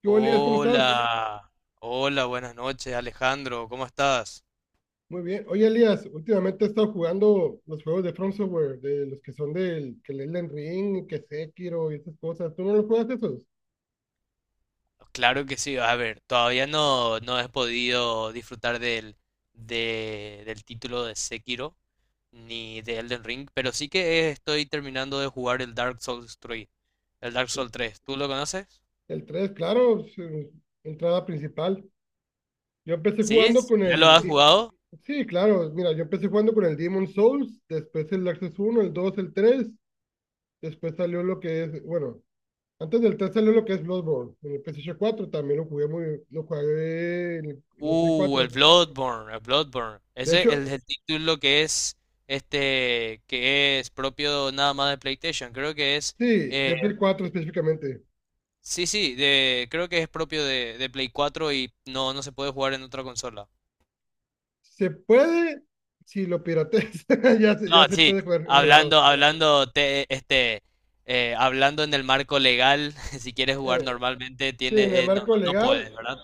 ¿Qué hubo, Elías? ¿Cómo estás? Hola, hola, buenas noches, Alejandro, ¿cómo estás? Muy bien. Oye, Elías, últimamente he estado jugando los juegos de From Software, de los que son del que el Elden Ring, que Sekiro y esas cosas. ¿Tú no los juegas esos? Claro que sí, a ver, todavía no, he podido disfrutar del título de Sekiro ni de Elden Ring, pero sí que estoy terminando de jugar el Dark Souls 3, el Dark El, Souls tres. ¿Tú lo conoces? el 3, claro, su entrada principal. Yo empecé ¿Sí? jugando con ¿Ya lo el... has Di- jugado? Sí, claro, mira, yo empecé jugando con el Demon Souls, después el Access uno, el 2, el 3, después salió lo que es, bueno, antes del 3 salió lo que es Bloodborne, en el PlayStation 4 también lo jugué muy, lo jugué en el Play Uh, el 4. Bloodborne, el Bloodborne, De ese es hecho, el título que es, que es propio nada más de PlayStation, creo que es... sí, eh, de Play 4 específicamente. Sí, sí, creo que es propio de Play 4 y no, no se puede jugar en otra consola. Se puede, si lo pirateas, No, ya se sí, puede jugar emulado. hablando, hablando, te- este, hablando en el marco legal, si quieres jugar Eh, normalmente, sí, en el tiene, marco no puedes, legal, ¿verdad?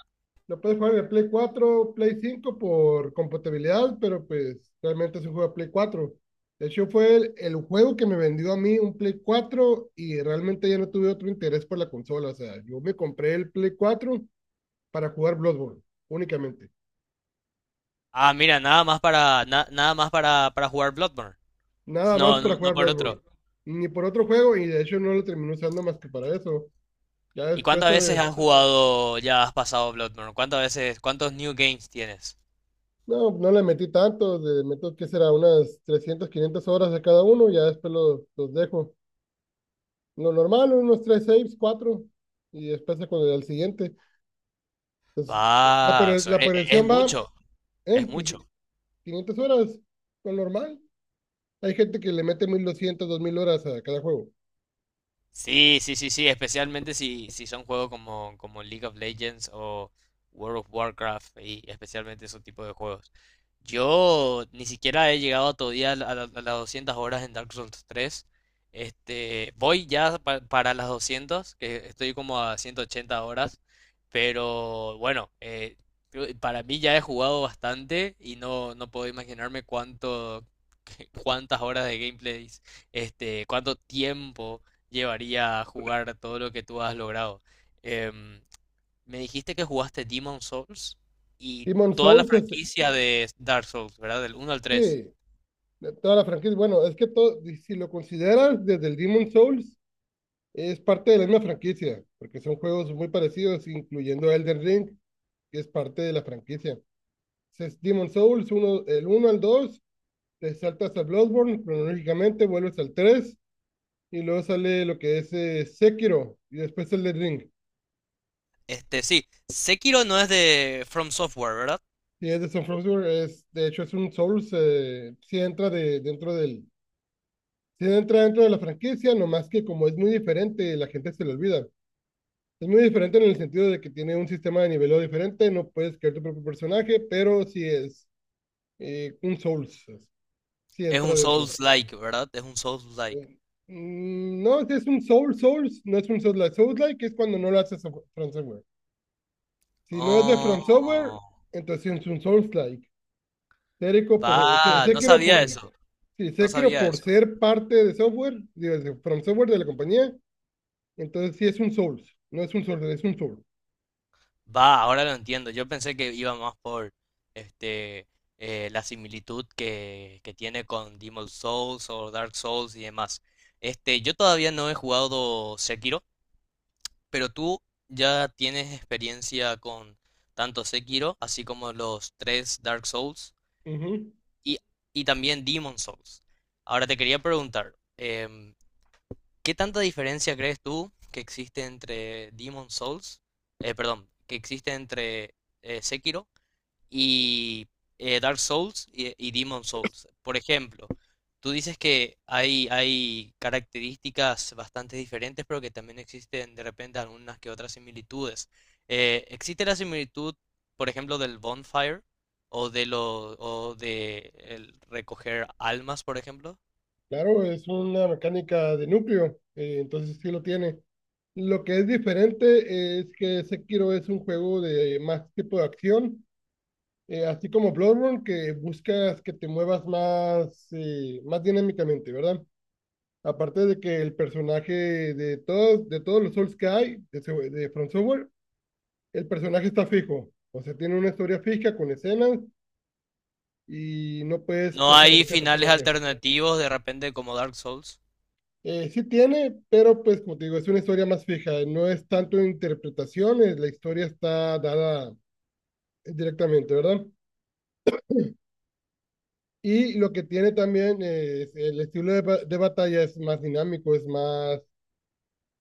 lo puedes jugar de Play 4, Play 5 por compatibilidad, pero pues realmente se juega Play 4. De hecho, fue el juego que me vendió a mí un Play 4 y realmente ya no tuve otro interés por la consola. O sea, yo me compré el Play 4 para jugar Bloodborne, únicamente. Ah, mira, nada más para jugar Bloodborne. Nada más No, no, para no jugar por Bloodborne. otro. Ni por otro juego, y de hecho no lo terminé usando más que para eso. Ya ¿Y después, cuántas veces has jugado, ya has pasado Bloodborne? ¿Cuántas veces, cuántos new games tienes? No le metí tanto, le meto, ¿qué será? Unas 300, 500 horas a cada uno, ya después los dejo. Lo normal, unos 3 saves, 4 y después se con el al siguiente. Entonces, la, Ah, per- eso la es perdición va, mucho, es pues mucho. 500 horas, lo normal. Hay gente que le mete 1200, 2000 horas a cada juego. Sí, sí, sí, sí, especialmente si son juegos como, como League of Legends o World of Warcraft y especialmente esos tipos de juegos. Yo ni siquiera he llegado todavía a las 200 horas en Dark Souls 3. Este, voy ya para las 200, que estoy como a 180 horas, pero bueno, para mí ya he jugado bastante y no, no puedo imaginarme cuánto, cuántas horas de gameplays, cuánto tiempo llevaría a jugar todo lo que tú has logrado. Em, Me dijiste que jugaste Demon Souls y Demon toda la Souls es, franquicia de Dark Souls, ¿verdad? Del uno al tres. sí, de toda la franquicia. Bueno, es que todo, si lo consideras desde el Demon Souls, es parte de la misma franquicia, porque son juegos muy parecidos, incluyendo Elden Ring, que es parte de la franquicia. Es Demon Souls, uno, el uno al dos, te saltas a Bloodborne, cronológicamente vuelves al 3 y luego sale lo que es Sekiro, y después el Elden Ring. Este, sí, Sekiro no es de From Software, ¿verdad? Y es de Son Software, es, de hecho es un Souls, sí entra dentro de la franquicia, nomás que como es muy diferente, la gente se le olvida. Es muy diferente en el sentido de que tiene un sistema de niveleo diferente, no puedes crear tu propio personaje, pero sí es un Souls, pues, sí Es entra un dentro. Souls-like, ¿verdad? Es un Souls-like. Eh, no, si es un Souls, no es un Souls-like. Souls-like es cuando no lo haces a From Software. Si no es de From Software, Oh, entonces sí es un Souls-like. Sekiro por, va, se- no sabía por, eso, sí, no Sekiro sabía por eso. ser parte de software, digo, de From Software de la compañía, entonces sí es un Souls, no es un Souls, es un Soul. Va, ahora lo entiendo. Yo pensé que iba más por este la similitud que tiene con Demon Souls o Dark Souls y demás. Este, yo todavía no he jugado Sekiro, pero tú ya tienes experiencia con tanto Sekiro, así como los tres Dark Souls Ujú. y, y también Demon Souls. Ahora te quería preguntar, ¿qué tanta diferencia crees tú que existe entre Demon Souls, perdón, que existe entre Sekiro y Dark Souls y Demon Souls? Por ejemplo, tú dices que hay características bastante diferentes, pero que también existen de repente algunas que otras similitudes. ¿Existe la similitud, por ejemplo, del bonfire o de el recoger almas, por ejemplo? Claro, es una mecánica de núcleo, entonces sí lo tiene. Lo que es diferente es que Sekiro es un juego de más tipo de acción, así como Bloodborne, que buscas que te muevas más, más dinámicamente, ¿verdad? Aparte de que el personaje de todos los Souls que hay, de From Software, el personaje está fijo, o sea, tiene una historia fija con escenas y no puedes ¿No hay personalizar el finales personaje. alternativos de repente como Dark Souls? Sí tiene, pero pues como te digo, es una historia más fija, no es tanto interpretaciones, la historia está dada directamente, ¿verdad? Y lo que tiene también, es el estilo de, de batalla, es más dinámico, es más,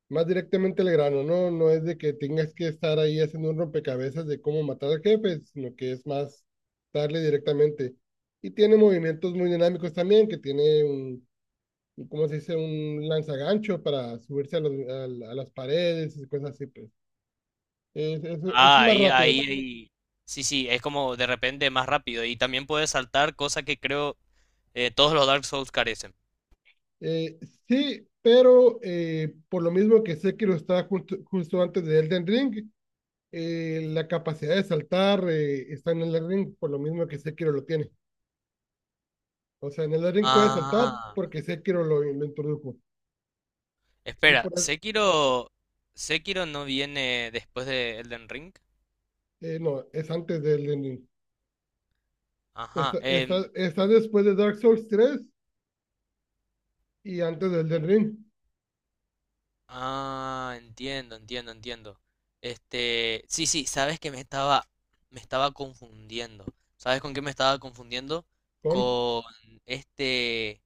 más directamente al grano, ¿no? No es de que tengas que estar ahí haciendo un rompecabezas de cómo matar al jefe, sino que es más darle directamente. Y tiene movimientos muy dinámicos también, que tiene ¿cómo se dice? Un lanzagancho para subirse a, a las paredes y cosas así, pues. Es Ah, más ahí, rápido. ahí, ahí. Sí, sí, es como de repente más rápido y también puedes saltar, cosa que creo eh, todos los Dark Souls carecen. Eh, sí, pero por lo mismo que Sekiro está justo antes de Elden Ring, la capacidad de saltar, está en Elden Ring, por lo mismo que Sekiro lo tiene. O sea, en Elden Ring puede saltar Ah, porque Sekiro lo introdujo. Y espera, por eso- Sekiro, Sekiro no viene después de Elden Ring. No, es antes de Elden Ring. Ajá, Está después de Dark Souls 3 y antes de Elden Ring, ah, entiendo, entiendo, entiendo. Este, sí, sí, sabes que me estaba confundiendo. ¿Sabes con qué me estaba confundiendo? con Con este,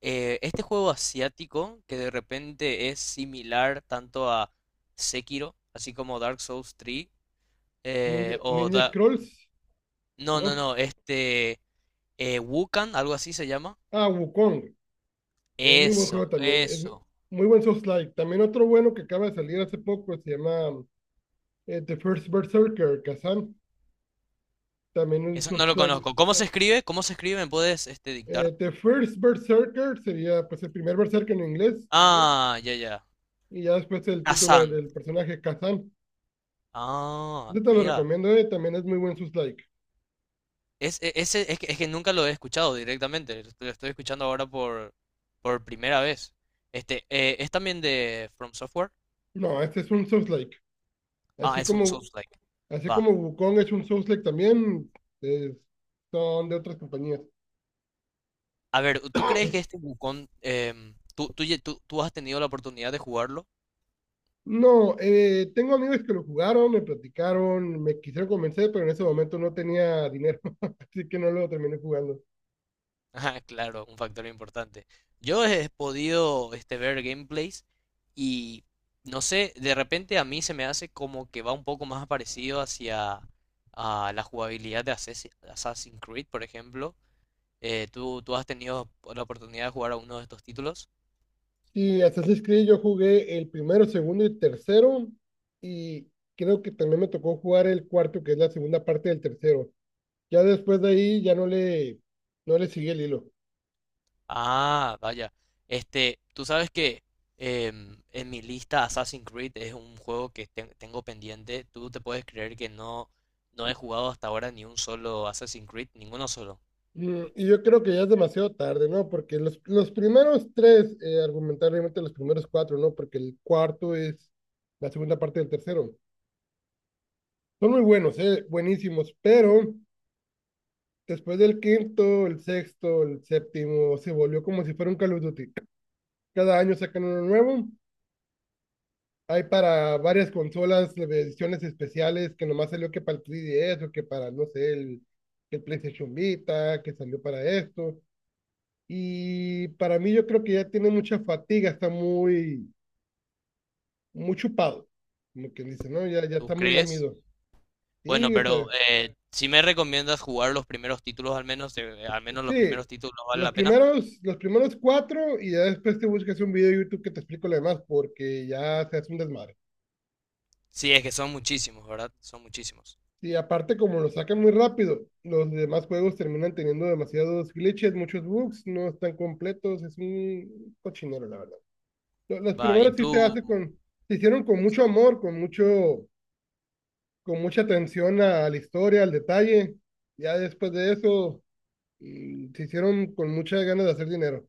este juego asiático que de repente es similar tanto a Sekiro, así como Dark Souls 3, eh, o, Ninja Scrolls, no, no, ¿no? no, Wukan, algo así se llama. Ah, Wukong. Es muy buen juego Eso, también. Es eso. muy buen Souls-like. También otro bueno que acaba de salir hace poco se llama The First Berserker, Kazan. También un Eso no lo Souls-like. conozco. ¿Cómo se escribe? ¿Cómo se escribe? ¿Me puedes, dictar? The First Berserker sería pues el primer Berserker en inglés Ah, ya, ya. y ya después el título Hassan. del personaje Kazan. Ah, Este te lo mira. recomiendo, también es muy buen Souls-like. Ese, es que nunca lo he escuchado directamente. Lo estoy escuchando ahora por primera vez. Este, ¿es también de From Software? No, este es un Souls-like. Ah, Así es un como, Souls-like. así Va. como Wukong es un Souls-like también, es- son de otras compañías. A ver, ¿tú crees que este Wukong, tú, tú has tenido la oportunidad de jugarlo? No, tengo amigos que lo jugaron, me platicaron, me quisieron convencer, pero en ese momento no tenía dinero, así que no lo terminé jugando. Ajá, claro, un factor importante. Yo he podido ver gameplays y no sé, de repente a mí se me hace como que va un poco más parecido hacia a la jugabilidad de Assassin's Creed, por ejemplo. ¿Tú, tú has tenido la oportunidad de jugar a uno de estos títulos? Y Assassin's Creed yo jugué el primero, segundo y tercero, y creo que también me tocó jugar el cuarto, que es la segunda parte del tercero. Ya después de ahí ya no le seguí el hilo. Ah, vaya. Este, tú sabes que en mi lista Assassin's Creed es un juego que tengo pendiente. Tú te puedes creer que no, no he jugado hasta ahora ni un solo Assassin's Creed, ninguno solo. Mm, y yo creo que ya es demasiado tarde, ¿no? Porque los primeros tres, argumentablemente los primeros cuatro, ¿no? Porque el cuarto es la segunda parte del tercero. Son muy buenos, buenísimos, pero después del quinto, el sexto, el séptimo, se volvió como si fuera un Call of Duty. Cada año sacan uno nuevo. Hay para varias consolas ediciones especiales que nomás salió que para el 3DS o que para, no sé, el PlayStation Vita, que salió para esto. Y para mí yo creo que ya tiene mucha fatiga, está muy, muy chupado, como quien dice, ¿no? Ya ¿Tú está muy crees? lamido. Bueno, Sí, o pero sea, si me recomiendas jugar los primeros títulos al menos los sí, primeros títulos vale la pena. Los primeros cuatro y ya después te buscas un video de YouTube que te explico lo demás porque ya se hace un desmadre. Sí, es que son muchísimos, ¿verdad? Son muchísimos. Y aparte como lo sacan muy rápido, los demás juegos terminan teniendo demasiados glitches, muchos bugs, no están completos, es un cochinero la verdad. Los Va, ¿y primeros sí tú? Se hicieron con mucho amor, con mucho, con mucha atención a la historia, al detalle. Ya después de eso, mm, se hicieron con muchas ganas de hacer dinero.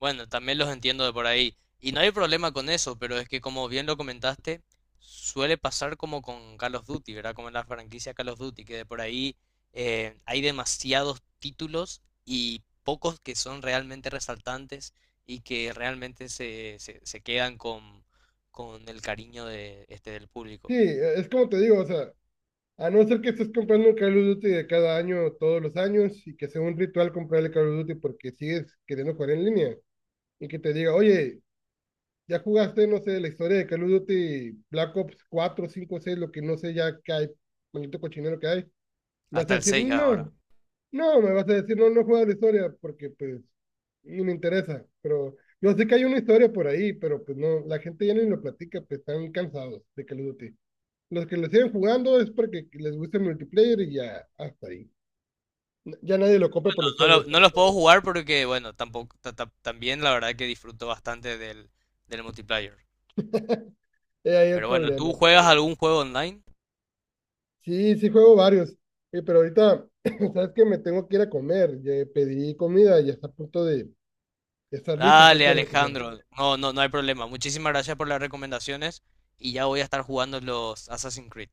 Bueno, también los entiendo de por ahí. Y no hay problema con eso, pero es que como bien lo comentaste, suele pasar como con Call of Duty, ¿verdad? Como en la franquicia Call of Duty, que de por ahí hay demasiados títulos y pocos que son realmente resaltantes y que realmente se quedan con el cariño de, del Sí, público. Es como te digo, o sea, a no ser que estés comprando un Call of Duty de cada año, todos los años, y que sea un ritual comprarle Call of Duty porque sigues queriendo jugar en línea, y que te diga, oye, ya jugaste, no sé, la historia de Call of Duty, Black Ops 4, 5, 6, lo que no sé ya que hay, maldito cochinero que hay, me vas Hasta a el decir, 6 ahora. no, no, me vas a decir, no, no juegas la historia porque pues ni me interesa, pero yo sé que hay una historia por ahí, pero pues no, la gente ya ni lo platica, pues están cansados de Call of Duty. Los que lo siguen jugando es porque les gusta el multiplayer y ya hasta ahí. Ya nadie lo compra por la No, historia. No los puedo jugar porque, bueno, tampoco, también la verdad que disfruto bastante del, del multiplayer. Es ahí el Pero bueno, problema. ¿tú juegas algún juego online? Sí, sí juego varios. Pero ahorita, sabes que me tengo que ir a comer. Ya pedí comida, ya está a punto de ya estar lista. Tengo Dale, que ir a recoger. Alejandro. No, no, no hay problema. Muchísimas gracias por las recomendaciones y ya voy a estar jugando los Assassin's Creed.